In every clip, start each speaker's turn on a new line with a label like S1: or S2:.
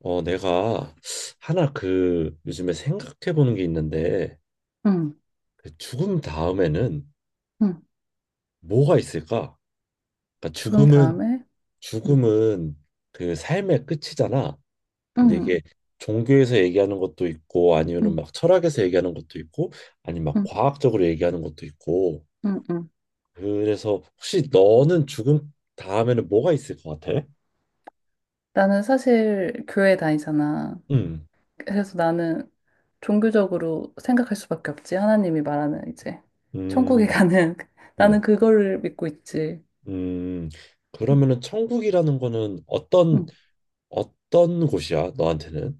S1: 내가 하나 요즘에 생각해 보는 게 있는데
S2: 응,
S1: 죽음 다음에는
S2: 응.
S1: 뭐가 있을까? 그러니까
S2: 죽음
S1: 죽음은
S2: 다음에? 응,
S1: 죽음은 삶의 끝이잖아. 근데
S2: 응,
S1: 이게 종교에서 얘기하는 것도 있고 아니면은
S2: 응,
S1: 막 철학에서 얘기하는 것도 있고 아니면 막
S2: 응,
S1: 과학적으로 얘기하는 것도 있고
S2: 응, 응.
S1: 그래서 혹시 너는 죽음 다음에는 뭐가 있을 것 같아?
S2: 나는 사실 교회 다니잖아.
S1: 음,
S2: 그래서 나는 종교적으로 생각할 수밖에 없지. 하나님이 말하는 이제 천국에
S1: 음,
S2: 가는 나는
S1: 음,
S2: 그거를 믿고 있지.
S1: 음.
S2: 응,
S1: 그러면은 천국이라는 거는 어떤
S2: 응.
S1: 어떤 곳이야, 너한테는?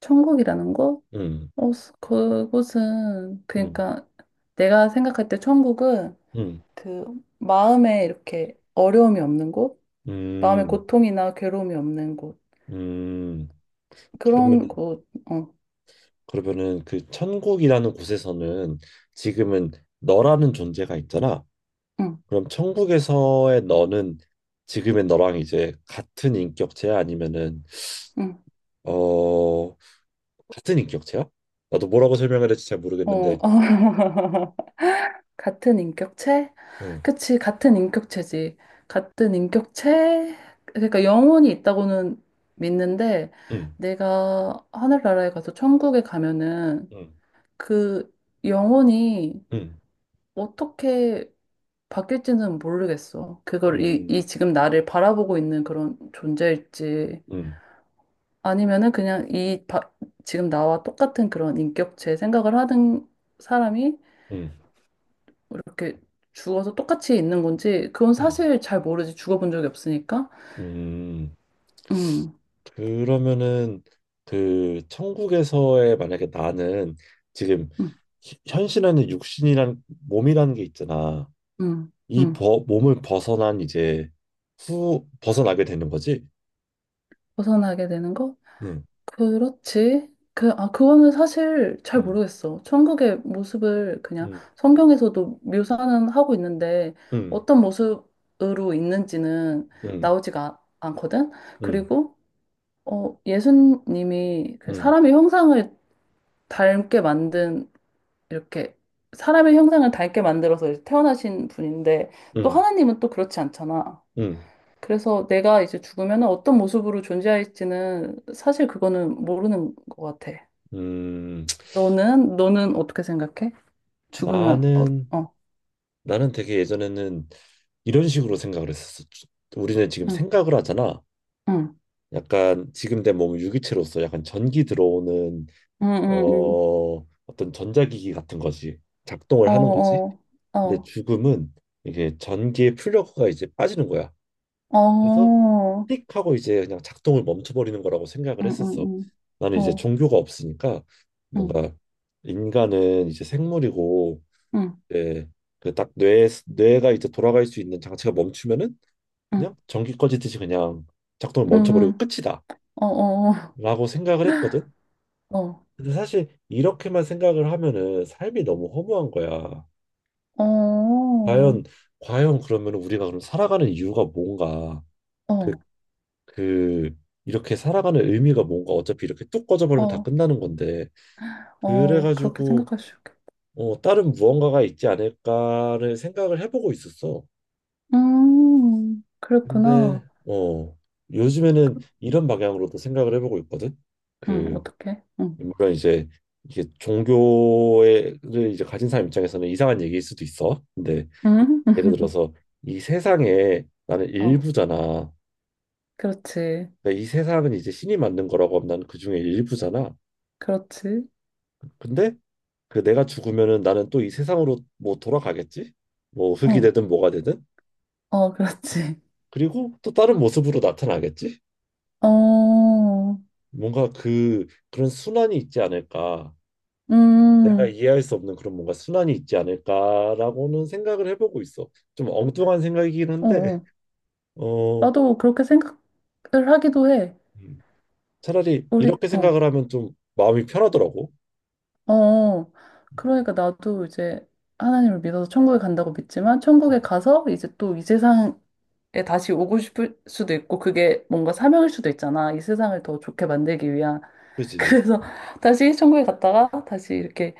S2: 천국이라는 거?
S1: 음,
S2: 그곳은
S1: 음,
S2: 그러니까 내가 생각할 때 천국은
S1: 음,
S2: 그 마음에 이렇게 어려움이 없는 곳, 마음에
S1: 음,
S2: 고통이나 괴로움이 없는 곳
S1: 음. 그러면은,
S2: 그런 곳. 어.
S1: 그러면은 천국이라는 곳에서는 지금은 너라는 존재가 있잖아.
S2: 응.
S1: 그럼 천국에서의 너는 지금의 너랑 이제 같은 인격체야? 아니면은,
S2: 응.
S1: 어, 같은 인격체야? 나도 뭐라고 설명을 할지 잘
S2: 어, 어.
S1: 모르겠는데,
S2: 같은 인격체?
S1: 응,
S2: 그치, 같은 인격체지. 같은 인격체? 그러니까 영혼이 있다고는 믿는데,
S1: 응,
S2: 내가 하늘나라에 가서 천국에 가면은
S1: 응,
S2: 그 영혼이
S1: 응,
S2: 어떻게 바뀔지는 모르겠어. 그걸 이,
S1: 응,
S2: 이 지금 나를 바라보고 있는 그런 존재일지,
S1: 응,
S2: 아니면은 그냥 이 바- 지금 나와 똑같은 그런 인격체 생각을 하는 사람이
S1: 응,
S2: 이렇게 죽어서 똑같이 있는 건지 그건
S1: 응,
S2: 사실 잘 모르지 죽어본 적이 없으니까.
S1: 응.
S2: 음,
S1: 그러면은 천국에서의 만약에 나는 지금
S2: 음,
S1: 현실 안에 육신이란 몸이라는 게 있잖아.
S2: 음,
S1: 이
S2: 음.
S1: 몸을 벗어난 이제 후 벗어나게 되는 거지.
S2: 벗어나게 되는 거?
S1: 응,
S2: 그렇지. 그거는 사실 잘
S1: 응,
S2: 모르겠어. 천국의 모습을 그냥
S1: 응,
S2: 성경에서도 묘사는 하고 있는데
S1: 응,
S2: 어떤 모습으로 있는지는
S1: 응,
S2: 나오지가 않거든?
S1: 응,
S2: 그리고, 어, 예수님이 그
S1: 응,
S2: 사람의 형상을 닮게 만든 이렇게 사람의 형상을 닳게 만들어서 이제 태어나신 분인데
S1: 응,
S2: 또
S1: 응.
S2: 하나님은 또 그렇지 않잖아.
S1: 응.
S2: 그래서 내가 이제 죽으면 어떤 모습으로 존재할지는 사실 그거는 모르는 것 같아.
S1: 음,
S2: 너는 어떻게 생각해? 죽으면 어,
S1: 나는
S2: 어,
S1: 나는 되게 예전에는 이런 식으로 생각을 했었어. 우리는 지금
S2: 응,
S1: 생각을 하잖아.
S2: 응,
S1: 약간 지금 내 몸은 유기체로서 약간 전기 들어오는
S2: 응, 응, 응,
S1: 어, 어떤 전자기기 같은 거지.
S2: 응,
S1: 작동을 하는 거지.
S2: 어,
S1: 근데
S2: 어,
S1: 죽음은 이게 전기의 플러그가 이제 빠지는 거야.
S2: 어,
S1: 그래서
S2: 어,
S1: 띡 하고 이제 그냥 작동을 멈춰버리는 거라고 생각을
S2: 응, 응,
S1: 했었어.
S2: 응,
S1: 나는 이제
S2: 어,
S1: 종교가 없으니까
S2: 응,
S1: 뭔가 인간은 이제 생물이고
S2: 응,
S1: 이제 그딱 뇌가 이제 돌아갈 수 있는 장치가 멈추면은
S2: 응,
S1: 그냥 전기 꺼지듯이 그냥 작동을
S2: 응,
S1: 멈춰버리고
S2: 응,
S1: 끝이다
S2: 응, 어, 어,
S1: 라고 생각을 했거든.
S2: 어,
S1: 근데 사실 이렇게만 생각을 하면은 삶이 너무 허무한 거야.
S2: 어,
S1: 과연 과연 그러면 우리가 그럼 살아가는 이유가 뭔가
S2: 어,
S1: 그
S2: 어.
S1: 그 이렇게 살아가는 의미가 뭔가 어차피 이렇게 뚝 꺼져버리면 다
S2: 어,
S1: 끝나는 건데
S2: 어, 그렇게
S1: 그래가지고
S2: 생각할 수 있겠다.
S1: 다른 무언가가 있지 않을까를 생각을 해보고 있었어. 근데
S2: 그렇구나.
S1: 어 요즘에는
S2: 그-
S1: 이런 방향으로도 생각을 해보고 있거든. 그
S2: 어떡해.
S1: 물론 이제 이게 종교를 이제 가진 사람 입장에서는 이상한 얘기일 수도 있어. 근데
S2: 음?
S1: 예를 들어서 이 세상에 나는
S2: 어,
S1: 일부잖아.
S2: 그렇지.
S1: 그러니까 이 세상은 이제 신이 만든 거라고 하면 나는 그중에 일부잖아.
S2: 그렇지.
S1: 근데 내가 죽으면은 나는 또 이 세상으로 뭐 돌아가겠지? 뭐 흙이
S2: 어,
S1: 되든 뭐가 되든.
S2: 어, 그렇지.
S1: 그리고 또 다른 모습으로 나타나겠지?
S2: 어,
S1: 뭔가 그런 순환이 있지 않을까? 내가
S2: 음,
S1: 이해할 수 없는 그런 뭔가 순환이 있지 않을까라고는 생각을 해보고 있어. 좀 엉뚱한 생각이긴
S2: 어,
S1: 한데
S2: 어.
S1: 어
S2: 나도 그렇게 생각을 하기도 해.
S1: 음. 차라리
S2: 우리,
S1: 이렇게
S2: 어,
S1: 생각을 하면 좀 마음이 편하더라고.
S2: 어. 그러니까 나도 이제 하나님을 믿어서 천국에 간다고 믿지만, 천국에
S1: 음.
S2: 가서 이제 또 이 세상 에 다시 오고 싶을 수도 있고 그게 뭔가 사명일 수도 있잖아. 이 세상을 더 좋게 만들기 위한
S1: 그지?
S2: 그래서 다시 천국에 갔다가 다시 이렇게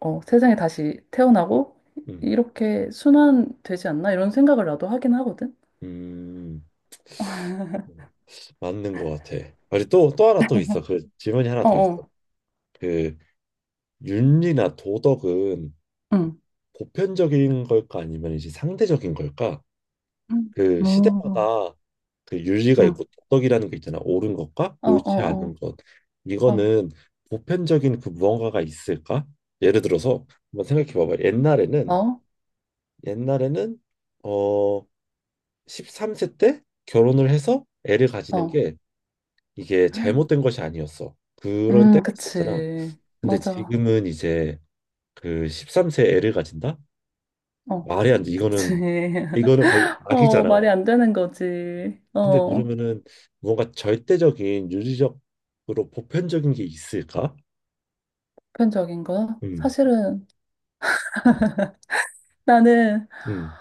S2: 어, 세상에 다시 태어나고
S1: 음.
S2: 이렇게 순환되지 않나 이런 생각을 나도 하긴 하거든.
S1: 음. 맞는 것 같아. 아니 또또 하나 또 있어. 그 질문이 하나
S2: 어,
S1: 더 있어.
S2: 어,
S1: 그 윤리나 도덕은
S2: 응,
S1: 보편적인 걸까 아니면 이제 상대적인 걸까?
S2: 응,
S1: 그
S2: 어,
S1: 시대마다 그 윤리가
S2: 응,
S1: 있고 도덕이라는 게 있잖아. 옳은 것과
S2: 어, 어,
S1: 옳지 않은
S2: 어,
S1: 것.
S2: 어,
S1: 이거는 보편적인 그 무언가가 있을까? 예를 들어서 한번 생각해 봐봐. 옛날에는
S2: 어,
S1: 옛날에는 어 13세 때 결혼을 해서 애를 가지는
S2: 어,
S1: 게 이게 잘못된 것이 아니었어. 그런 때가 있었잖아.
S2: 그치,
S1: 근데
S2: 맞아,
S1: 지금은 이제 그 13세 애를 가진다?
S2: 어,
S1: 말이 안 돼.
S2: 그치,
S1: 이거는 거의
S2: 어, 말이
S1: 악이잖아.
S2: 안 되는 거지,
S1: 근데
S2: 어,
S1: 그러면은 뭔가 절대적인 윤리적으로 보편적인 게 있을까?
S2: 보편적인 거
S1: 음,
S2: 사실은 나는
S1: 음,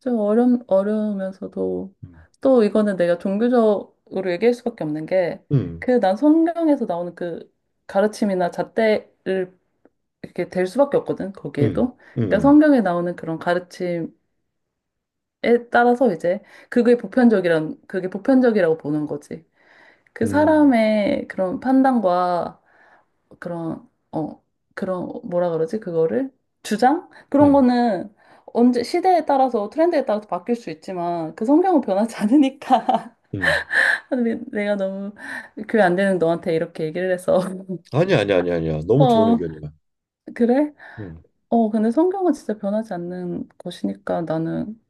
S2: 좀 어려우면서도
S1: 음,
S2: 또 이거는 내가 종교적으로 얘기할 수밖에 없는 게
S1: 음,
S2: 그 난 성경에서 나오는 그 가르침이나 잣대를 이렇게 될 수밖에 없거든.
S1: 음,
S2: 거기에도 그러니까
S1: 음,
S2: 성경에 나오는 그런 가르침에 따라서 이제 그게 보편적이라고 보는 거지. 그
S1: 음,
S2: 사람의 그런 판단과 그런, 어, 그런, 뭐라 그러지? 그거를? 주장? 그런
S1: 음,
S2: 거는 언제, 시대에 따라서, 트렌드에 따라서 바뀔 수 있지만, 그 성경은 변하지 않으니까.
S1: 음.
S2: 근데 내가 너무 교회 안 되는 너한테 이렇게 얘기를 해서.
S1: 아니 야 아니 아니 아니야. 너무 좋은
S2: 어,
S1: 의견이야.
S2: 그래?
S1: 음,
S2: 어, 근데 성경은 진짜 변하지 않는 것이니까 나는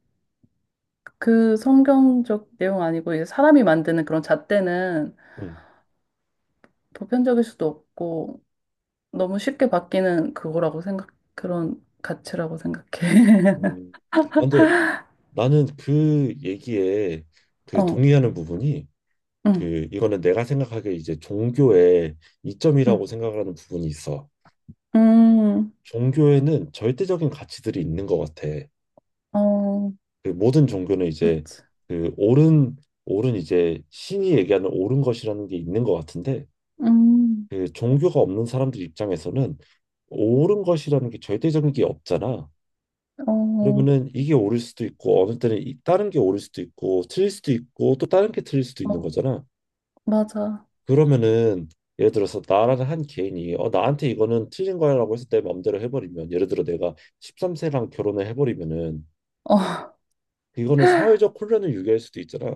S2: 그 성경적 내용 아니고, 이제 사람이 만드는 그런 잣대는
S1: 음,
S2: 보편적일 수도 없고, 너무 쉽게 바뀌는 그런 가치라고 생각해.
S1: 음. 아, 근데 나는 그 얘기에 그
S2: 어.
S1: 동의하는 부분이
S2: 응,
S1: 그 이거는 내가 생각하기에 이제 종교의
S2: 응,
S1: 이점이라고 생각하는 부분이 있어.
S2: 음,
S1: 종교에는 절대적인 가치들이 있는 것 같아.
S2: 어,
S1: 그 모든 종교는 이제
S2: 그렇지.
S1: 그 옳은 이제 신이 얘기하는 옳은 것이라는 게 있는 것 같은데
S2: 음,
S1: 그 종교가 없는 사람들 입장에서는 옳은 것이라는 게 절대적인 게 없잖아.
S2: 어,
S1: 그러면은 이게 옳을 수도 있고 어느 때는 다른 게 옳을 수도 있고 틀릴 수도 있고 또 다른 게 틀릴 수도 있는
S2: 어,
S1: 거잖아.
S2: 맞아.
S1: 그러면은 예를 들어서 나라는 한 개인이 나한테 이거는 틀린 거야라고 해서 내 맘대로 해버리면 예를 들어 내가 13세랑 결혼을 해버리면은
S2: 어,
S1: 이거는 사회적 혼란을 유발할 수도 있잖아.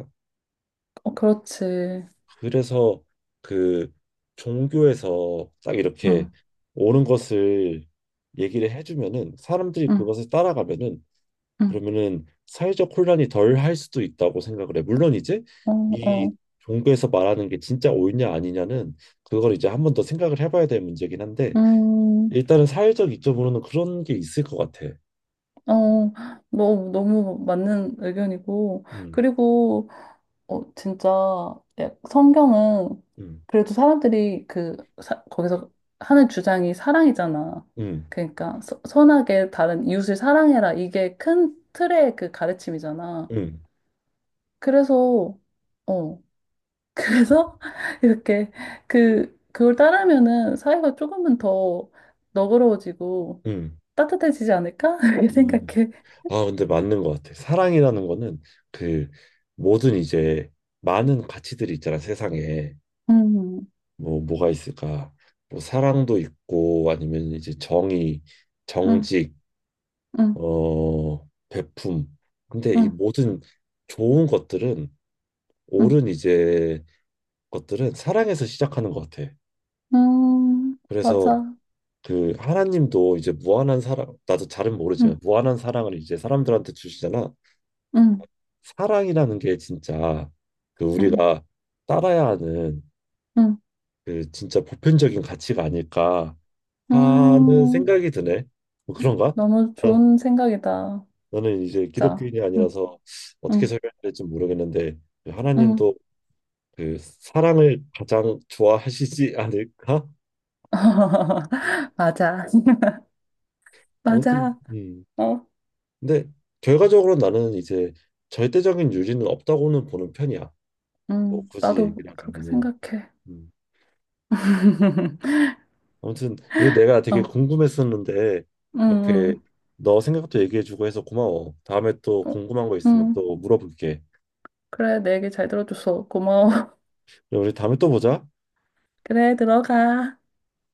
S2: 어, 그렇지.
S1: 그래서 그 종교에서 딱 이렇게
S2: 응,
S1: 옳은 것을 얘기를 해주면은 사람들이
S2: 응,
S1: 그것을 따라가면은
S2: 응,
S1: 그러면은 사회적 혼란이 덜 할 수도 있다고 생각을 해. 물론 이제
S2: 어,
S1: 이
S2: 어,
S1: 종교에서 말하는 게 진짜 옳냐 아니냐는 그걸 이제 한 번 더 생각을 해봐야 될 문제긴 한데
S2: 음,
S1: 일단은 사회적 이점으로는 그런 게 있을 것 같아.
S2: 어, 너무 맞는 의견이고.
S1: 음,
S2: 그리고, 어, 진짜, 성경은
S1: 음,
S2: 그래도 사람들이 거기서 하는 주장이 사랑이잖아.
S1: 음,
S2: 선하게 다른 이웃을 사랑해라. 이게 큰 틀의 그 가르침이잖아.
S1: 음,
S2: 그래서, 어, 그래서 이렇게 그걸 따르면은 사회가 조금은 더 너그러워지고
S1: 음,
S2: 따뜻해지지 않을까? 이렇게
S1: 음.
S2: 생각해.
S1: 아, 근데 맞는 것 같아. 사랑이라는 거는 그 모든 이제 많은 가치들이 있잖아, 세상에.
S2: 음,
S1: 뭐가 있을까? 뭐, 사랑도 있고, 아니면 이제 정의,
S2: 음,
S1: 정직,
S2: 음,
S1: 베품. 근데 이
S2: 음,
S1: 모든 좋은 것들은,
S2: 음,
S1: 옳은 이제 것들은 사랑에서 시작하는 것 같아. 그래서
S2: 맞아.
S1: 하나님도 이제 무한한 사랑, 나도 잘은
S2: 음,
S1: 모르지만 무한한 사랑을 이제 사람들한테 주시잖아.
S2: 음,
S1: 사랑이라는 게 진짜
S2: 음,
S1: 우리가 따라야 하는
S2: 음,
S1: 진짜 보편적인 가치가 아닐까 하는
S2: 음.
S1: 생각이 드네. 뭐 그런가?
S2: 너무
S1: 어,
S2: 좋은 생각이다.
S1: 나는 이제
S2: 진짜.
S1: 기독교인이
S2: 응,
S1: 아니라서 어떻게
S2: 응,
S1: 설명해야 될지 모르겠는데 그
S2: 응.
S1: 하나님도 그 사랑을 가장 좋아하시지 않을까?
S2: 맞아.
S1: 아무튼
S2: 맞아. 어,
S1: 근데 결과적으로 나는 이제 절대적인 유리는 없다고는 보는 편이야. 뭐
S2: 응,
S1: 굳이
S2: 나도
S1: 얘기를
S2: 그렇게
S1: 하자면은.
S2: 생각해.
S1: 음. 아무튼 이게 내가 되게
S2: 어.
S1: 궁금했었는데
S2: 응,
S1: 이렇게
S2: 응.
S1: 너 생각도 얘기해주고 해서 고마워. 다음에 또
S2: 어,
S1: 궁금한 거 있으면
S2: 응.
S1: 또 물어볼게.
S2: 그래, 내 얘기 잘 들어줘서 고마워.
S1: 우리 다음에 또 보자.
S2: 그래, 들어가.